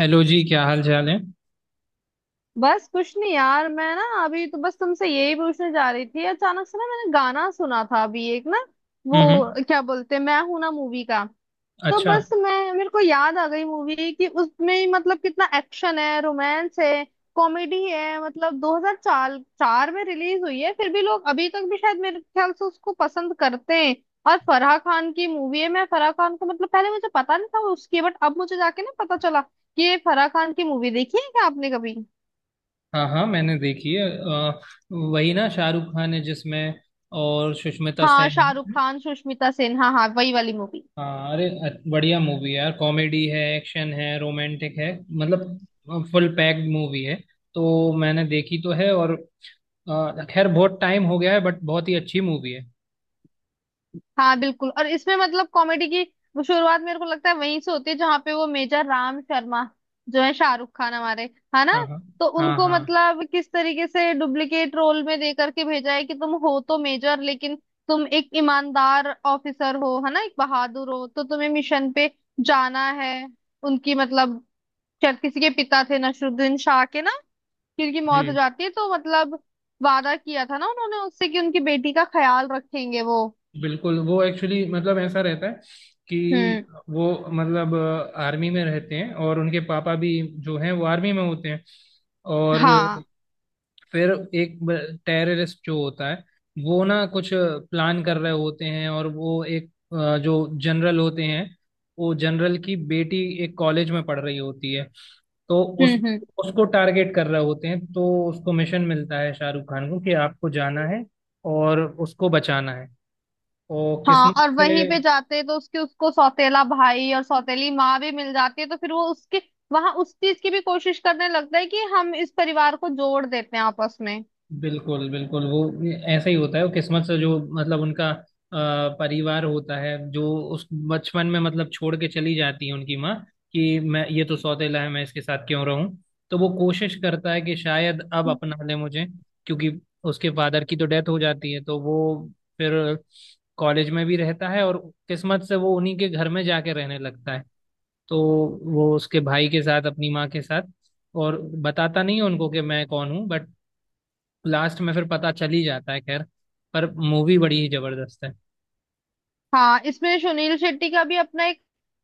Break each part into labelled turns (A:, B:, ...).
A: Hello ji, क्या हाल चाल है? हम्म।
B: बस कुछ नहीं यार। मैं ना अभी तो बस तुमसे यही पूछने जा रही थी। अचानक से ना मैंने गाना सुना था अभी एक ना, वो
A: हम्म,
B: क्या बोलते हैं, मैं हूं ना मूवी का। तो
A: अच्छा।
B: बस मैं, मेरे को याद आ गई मूवी कि उसमें ही मतलब कितना एक्शन है, रोमांस है, कॉमेडी है, मतलब 2004 चार चार में रिलीज हुई है, फिर भी लोग अभी तक भी शायद मेरे ख्याल से उसको पसंद करते हैं। और फराह खान की मूवी है। मैं फराह खान को मतलब पहले मुझे पता नहीं था उसकी, बट अब मुझे जाके ना पता चला कि ये फराह खान की मूवी। देखी है क्या आपने कभी?
A: हाँ हाँ, मैंने देखी है, वही ना, शाहरुख खान है जिसमें, और सुष्मिता
B: हाँ,
A: सेन
B: शाहरुख
A: है।
B: खान, सुष्मिता सेन, हाँ हाँ, वही वाली मूवी।
A: हाँ, अरे बढ़िया मूवी है यार, कॉमेडी है, एक्शन है, रोमांटिक है, मतलब फुल पैक्ड मूवी है। तो मैंने देखी तो है, और खैर बहुत टाइम हो गया है बट बहुत ही अच्छी मूवी है।
B: हाँ बिल्कुल, और इसमें मतलब कॉमेडी की वो शुरुआत मेरे को लगता है वहीं से होती है जहाँ पे वो मेजर राम शर्मा, जो है शाहरुख खान हमारे, है ना।
A: हाँ हाँ
B: तो
A: हाँ
B: उनको
A: हाँ।
B: मतलब किस तरीके से डुप्लीकेट रोल में दे करके भेजा है कि तुम हो तो मेजर, लेकिन तुम एक ईमानदार ऑफिसर हो, है ना, एक बहादुर हो, तो तुम्हें मिशन पे जाना है। उनकी मतलब शायद किसी के पिता थे नसरुद्दीन शाह के ना, किर की मौत हो
A: जी
B: जाती है, तो मतलब वादा किया था ना उन्होंने उससे कि उनकी बेटी का ख्याल रखेंगे वो।
A: बिल्कुल, वो एक्चुअली मतलब ऐसा रहता है कि
B: हम्म।
A: वो मतलब आर्मी में रहते हैं, और उनके पापा भी जो हैं वो आर्मी में होते हैं। और
B: हाँ।
A: फिर एक टेररिस्ट जो होता है वो ना कुछ प्लान कर रहे होते हैं, और वो एक जो जनरल होते हैं, वो जनरल की बेटी एक कॉलेज में पढ़ रही होती है, तो उस
B: हम्म। हम्म।
A: उसको टारगेट कर रहे होते हैं। तो उसको मिशन मिलता है शाहरुख खान को कि आपको जाना है और उसको बचाना है। वो
B: हाँ,
A: किस्मत
B: और वहीं
A: से
B: पे जाते तो उसके उसको सौतेला भाई और सौतेली माँ भी मिल जाती है, तो फिर वो उसके वहां उस चीज की भी कोशिश करने लगता है कि हम इस परिवार को जोड़ देते हैं आपस में।
A: बिल्कुल बिल्कुल। वो ऐसा ही होता है, वो किस्मत से जो मतलब उनका परिवार होता है, जो उस बचपन में मतलब छोड़ के चली जाती है उनकी माँ कि मैं, ये तो सौतेला है, मैं इसके साथ क्यों रहूं। तो वो कोशिश करता है कि शायद अब अपना ले मुझे, क्योंकि उसके फादर की तो डेथ हो जाती है। तो वो फिर कॉलेज में भी रहता है, और किस्मत से वो उन्हीं के घर में जाके रहने लगता है, तो वो उसके भाई के साथ अपनी माँ के साथ। और बताता नहीं है उनको कि मैं कौन हूँ, बट लास्ट में फिर पता चल ही जाता है। खैर, पर मूवी बड़ी ही जबरदस्त है।
B: हाँ, इसमें सुनील शेट्टी का भी अपना एक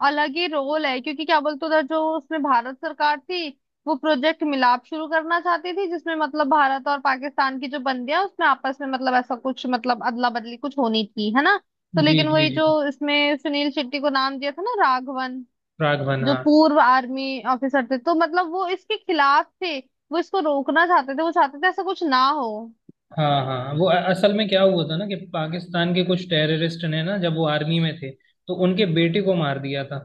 B: अलग ही रोल है, क्योंकि क्या बोलते, उधर जो उसमें भारत सरकार थी वो प्रोजेक्ट मिलाप शुरू करना चाहती थी, जिसमें मतलब भारत और पाकिस्तान की जो बंदियां, उसमें आपस में मतलब ऐसा कुछ, मतलब अदला बदली कुछ होनी थी, है ना। तो
A: जी
B: लेकिन
A: जी
B: वही, जो
A: जी।
B: इसमें सुनील शेट्टी को नाम दिया था ना राघवन,
A: प्रागवन,
B: जो
A: हाँ।
B: पूर्व आर्मी ऑफिसर थे, तो मतलब वो इसके खिलाफ थे, वो इसको रोकना चाहते थे, वो चाहते थे ऐसा कुछ ना हो।
A: हाँ हाँ हाँ। वो असल में क्या हुआ था ना कि पाकिस्तान के कुछ टेररिस्ट ने ना, जब वो आर्मी में थे तो उनके बेटे को मार दिया था,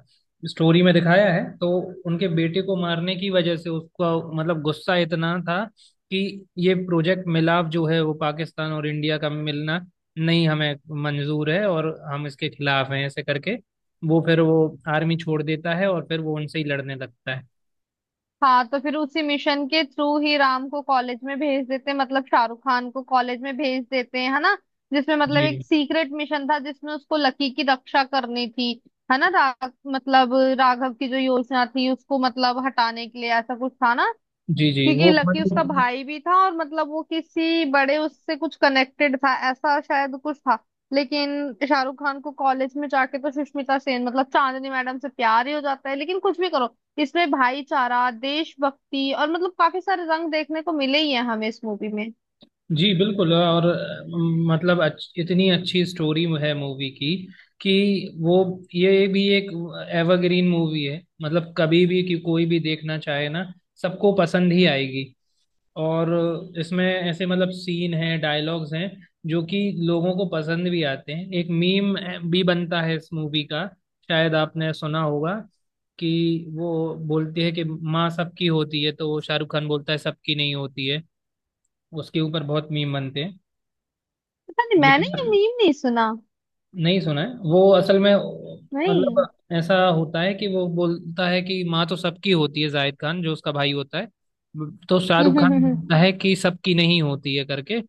A: स्टोरी में दिखाया है। तो उनके बेटे को मारने की वजह से उसका मतलब गुस्सा इतना था कि ये प्रोजेक्ट मिलाप जो है, वो पाकिस्तान और इंडिया का मिलना नहीं, हमें मंजूर है, और हम इसके खिलाफ हैं ऐसे करके। वो फिर वो आर्मी छोड़ देता है, और फिर वो उनसे ही लड़ने लगता है।
B: हाँ तो फिर उसी मिशन के थ्रू ही राम को कॉलेज में भेज देते हैं, मतलब शाहरुख खान को कॉलेज में भेज देते हैं, है ना। जिसमें मतलब एक
A: जी
B: सीक्रेट मिशन था जिसमें उसको लकी की रक्षा करनी थी, है ना। मतलब राघव की जो योजना थी उसको मतलब हटाने के लिए, ऐसा कुछ था ना।
A: जी जी।
B: क्योंकि
A: वो
B: लकी उसका
A: मतलब
B: भाई भी था, और मतलब वो किसी बड़े उससे कुछ कनेक्टेड था, ऐसा शायद कुछ था। लेकिन शाहरुख खान को कॉलेज में जाके तो सुष्मिता सेन मतलब चांदनी मैडम से प्यार ही हो जाता है। लेकिन कुछ भी करो, इसमें भाईचारा, देशभक्ति और मतलब काफी सारे रंग देखने को मिले ही हैं हमें इस मूवी में।
A: जी बिल्कुल। और मतलब इतनी अच्छी स्टोरी है मूवी की कि वो, ये भी एक एवरग्रीन मूवी है, मतलब कभी भी कि कोई भी देखना चाहे ना, सबको पसंद ही आएगी। और इसमें ऐसे मतलब सीन हैं, डायलॉग्स हैं जो कि लोगों को पसंद भी आते हैं। एक मीम भी बनता है इस मूवी का, शायद आपने सुना होगा कि वो बोलती है कि माँ सबकी होती है तो शाहरुख खान बोलता है सबकी नहीं होती है। उसके ऊपर बहुत मीम बनते हैं।
B: पता नहीं, मैंने
A: देखा
B: ये मीम नहीं सुना।
A: नहीं? सुना है वो असल में मतलब
B: नहीं।
A: ऐसा होता है कि वो बोलता है कि माँ तो सबकी होती है, जाहिद खान जो उसका भाई होता है, तो शाहरुख खान बोलता है कि सबकी नहीं होती है करके।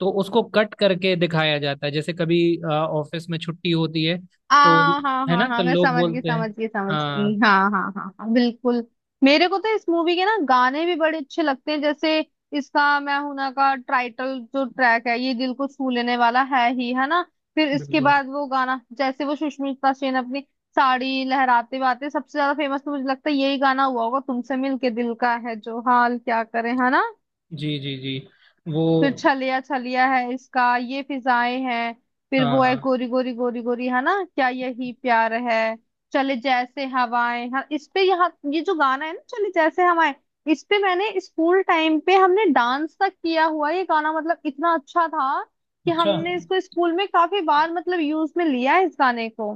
A: तो उसको कट करके दिखाया जाता है, जैसे कभी ऑफिस में छुट्टी होती है
B: आ
A: तो।
B: हाँ
A: है
B: हाँ
A: ना? तो
B: हाँ, मैं
A: लोग
B: समझ गई,
A: बोलते हैं।
B: समझ गई, समझ
A: हाँ
B: गई, हाँ हाँ हाँ हाँ बिल्कुल। मेरे को तो इस मूवी के ना गाने भी बड़े अच्छे लगते हैं, जैसे इसका मैं हूं ना का टाइटल जो ट्रैक है, ये दिल को छू लेने वाला है ही, है ना। फिर इसके
A: बिल्कुल।
B: बाद वो गाना, जैसे वो सुष्मिता सेन अपनी साड़ी लहराते हुए, सबसे ज्यादा फेमस तो मुझे लगता है यही गाना हुआ होगा, तुमसे मिलके दिल का है जो हाल क्या करे, है ना।
A: जी जी जी वो
B: फिर छलिया छलिया है, इसका ये फिजाएं हैं। फिर वो है
A: हाँ
B: गोरी गोरी गोरी गोरी, है ना, क्या यही प्यार है, चले जैसे हवाएं, हाँ इस पे यहाँ, ये जो गाना है ना चले जैसे हवाएं, इस पे मैंने, स्कूल टाइम पे हमने डांस तक किया हुआ है। ये गाना मतलब इतना अच्छा था, कि
A: अच्छा।
B: हमने इसको स्कूल में काफी बार मतलब यूज में लिया है, इस गाने को।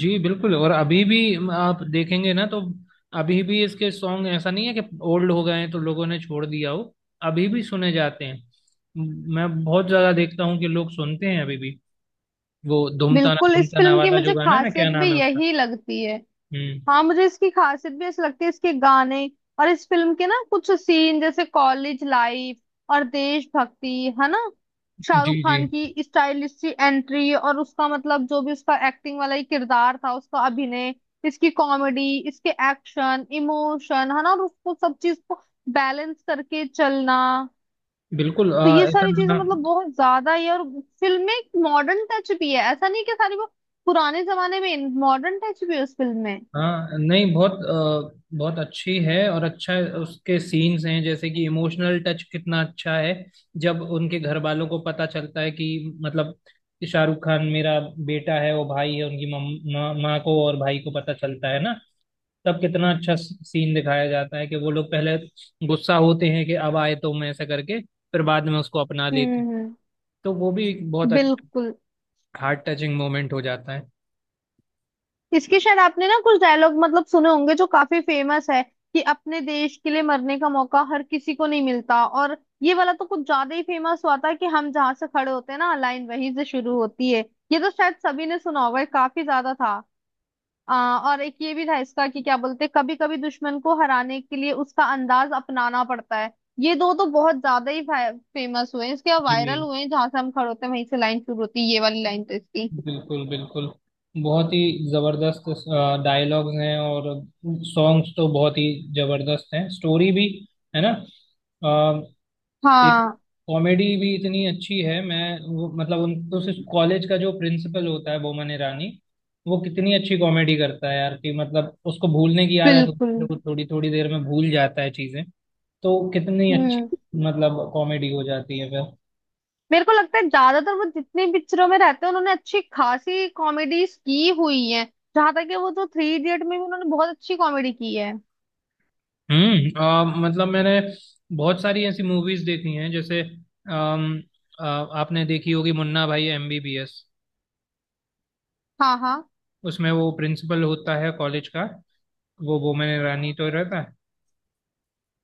A: जी बिल्कुल, और अभी भी आप देखेंगे ना तो अभी भी इसके सॉन्ग ऐसा नहीं है कि ओल्ड हो गए हैं तो लोगों ने छोड़ दिया हो, अभी भी सुने जाते हैं। मैं बहुत ज्यादा देखता हूँ कि लोग सुनते हैं अभी भी। वो धूमताना
B: बिल्कुल, इस
A: धूमताना
B: फिल्म की
A: वाला
B: मुझे
A: जो गाना है ना,
B: खासियत
A: क्या
B: भी
A: नाम है उसका?
B: यही लगती है।
A: हम्म।
B: हाँ, मुझे इसकी खासियत भी ऐसी लगती है, इसके गाने, और इस फिल्म के ना कुछ सीन, जैसे कॉलेज लाइफ और देशभक्ति, है ना, शाहरुख
A: जी जी
B: खान की स्टाइलिश सी एंट्री, और उसका मतलब जो भी उसका एक्टिंग वाला ये किरदार था, उसका अभिनय, इसकी कॉमेडी, इसके एक्शन, इमोशन, है ना, और उसको सब चीज को बैलेंस करके चलना।
A: बिल्कुल।
B: तो ये
A: ऐसा
B: सारी चीजें
A: गाना।
B: मतलब बहुत ज्यादा ही है, और फिल्म में एक मॉडर्न टच भी है, ऐसा नहीं कि सारी वो पुराने जमाने में, मॉडर्न टच भी है उस फिल्म में।
A: हाँ नहीं, बहुत बहुत अच्छी है। और अच्छा, उसके सीन्स हैं जैसे कि इमोशनल टच कितना अच्छा है जब उनके घर वालों को पता चलता है कि मतलब कि शाहरुख खान मेरा बेटा है, वो भाई है उनकी, मम- माँ माँ को और भाई को पता चलता है ना। तब कितना अच्छा सीन दिखाया जाता है कि वो लोग पहले गुस्सा होते हैं कि अब आए तो मैं ऐसा करके, फिर बाद में उसको अपना लेते हैं।
B: हम्म। हम्म।
A: तो वो भी एक बहुत अच्छा
B: बिल्कुल।
A: हार्ट टचिंग मोमेंट हो जाता है।
B: इसके शायद आपने ना कुछ डायलॉग मतलब सुने होंगे जो काफी फेमस है, कि अपने देश के लिए मरने का मौका हर किसी को नहीं मिलता, और ये वाला तो कुछ ज्यादा ही फेमस हुआ था, कि हम जहां से खड़े होते हैं ना, लाइन वहीं से शुरू होती है, ये तो शायद सभी ने सुना होगा, ये काफी ज्यादा था। और एक ये भी था इसका कि क्या बोलते, कभी कभी दुश्मन को हराने के लिए उसका अंदाज अपनाना पड़ता है, ये दो तो बहुत ज्यादा ही फेमस हुए हैं इसके, वायरल
A: जी
B: हुए हैं, जहां से हम खड़े होते हैं वहीं से लाइन शुरू होती है, ये वाली लाइन तो इसकी।
A: बिल्कुल बिल्कुल, बहुत ही जबरदस्त डायलॉग्स हैं, और सॉन्ग्स तो बहुत ही जबरदस्त हैं। स्टोरी भी, है ना। अ, एक
B: हाँ
A: कॉमेडी भी इतनी अच्छी है। मैं वो मतलब उन उस कॉलेज का जो प्रिंसिपल होता है बोमन ईरानी, वो कितनी अच्छी कॉमेडी करता है यार कि मतलब उसको भूलने की आदत
B: बिल्कुल।
A: होती है, वो थोड़ी थोड़ी देर में भूल जाता है चीजें, तो कितनी
B: हम्म।
A: अच्छी मतलब कॉमेडी हो जाती है फिर।
B: मेरे को लगता है ज्यादातर वो जितनी पिक्चरों में रहते हैं उन्होंने अच्छी खासी कॉमेडीज की हुई है, जहां तक कि वो तो थ्री इडियट में भी उन्होंने बहुत अच्छी कॉमेडी की है।
A: मतलब मैंने बहुत सारी ऐसी मूवीज देखी हैं, जैसे आ, आपने देखी होगी मुन्ना भाई एमबीबीएस,
B: हाँ हाँ।
A: उसमें वो प्रिंसिपल होता है कॉलेज का वो बोमन ईरानी तो रहता है।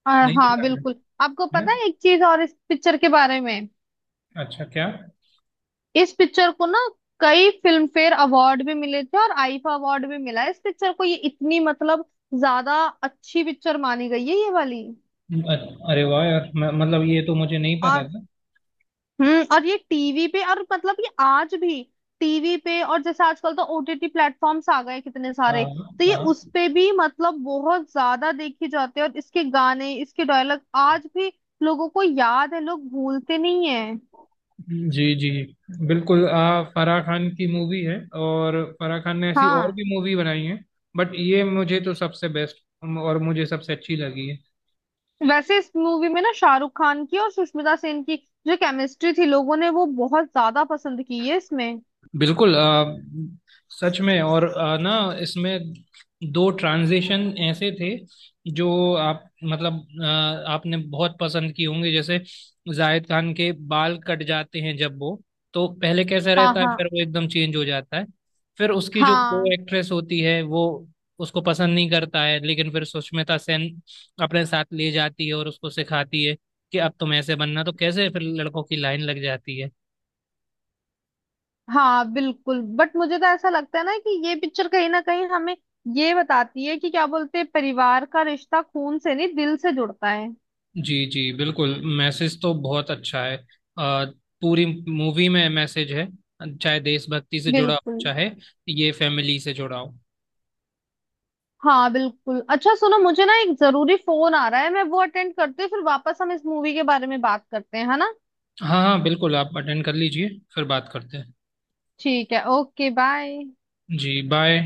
A: नहीं
B: हाँ
A: देखा है?
B: बिल्कुल।
A: है
B: आपको
A: ना?
B: पता है एक चीज और इस पिक्चर के बारे में?
A: अच्छा क्या?
B: इस पिक्चर को ना कई फिल्म फेयर अवार्ड भी मिले थे, और आईफा अवार्ड भी मिला है इस पिक्चर को, ये इतनी मतलब ज्यादा अच्छी पिक्चर मानी गई है ये वाली।
A: अ- अरे वाह यार, मतलब ये तो मुझे नहीं
B: और
A: पता था।
B: और ये टीवी पे, और मतलब ये आज भी टीवी पे, और जैसे आजकल तो ओटीटी प्लेटफॉर्म्स आ गए हैं कितने सारे,
A: हाँ
B: तो ये
A: हाँ।
B: उस पे भी मतलब बहुत ज्यादा देखी जाती है, और इसके गाने, इसके डायलॉग आज भी लोगों को याद है, लोग भूलते नहीं है।
A: जी जी बिल्कुल। फराह खान की मूवी है, और फराह खान ने ऐसी और भी
B: हाँ।
A: मूवी बनाई है, बट ये मुझे तो सबसे बेस्ट और मुझे सबसे अच्छी लगी है।
B: वैसे इस मूवी में ना शाहरुख खान की और सुष्मिता सेन की जो केमिस्ट्री थी, लोगों ने वो बहुत ज्यादा पसंद की है इसमें।
A: बिल्कुल। सच में। और ना इसमें दो ट्रांजिशन ऐसे थे जो आप मतलब आपने बहुत पसंद किए होंगे, जैसे जाहिद खान के बाल कट जाते हैं जब वो, तो पहले कैसा
B: हाँ
A: रहता है
B: हाँ
A: फिर वो एकदम चेंज हो जाता है। फिर उसकी जो को
B: हाँ
A: एक्ट्रेस होती है वो, उसको पसंद नहीं करता है, लेकिन फिर सुष्मिता सेन अपने साथ ले जाती है और उसको सिखाती है कि अब तुम ऐसे बनना तो कैसे फिर लड़कों की लाइन लग जाती है।
B: हाँ बिल्कुल, बट मुझे तो ऐसा लगता है ना कि ये पिक्चर कहीं ना कहीं हमें ये बताती है कि क्या बोलते हैं, परिवार का रिश्ता खून से नहीं दिल से जुड़ता है।
A: जी जी बिल्कुल, मैसेज तो बहुत अच्छा है। पूरी मूवी में मैसेज है, चाहे देशभक्ति से जुड़ा हो,
B: बिल्कुल।
A: चाहे ये फैमिली से जुड़ा हो।
B: हाँ बिल्कुल, अच्छा सुनो, मुझे ना एक जरूरी फोन आ रहा है, मैं वो अटेंड करती हूँ, फिर वापस हम इस मूवी के बारे में बात करते हैं, है ना।
A: हाँ हाँ बिल्कुल, आप अटेंड कर लीजिए, फिर बात करते हैं।
B: ठीक है, ओके बाय।
A: जी बाय।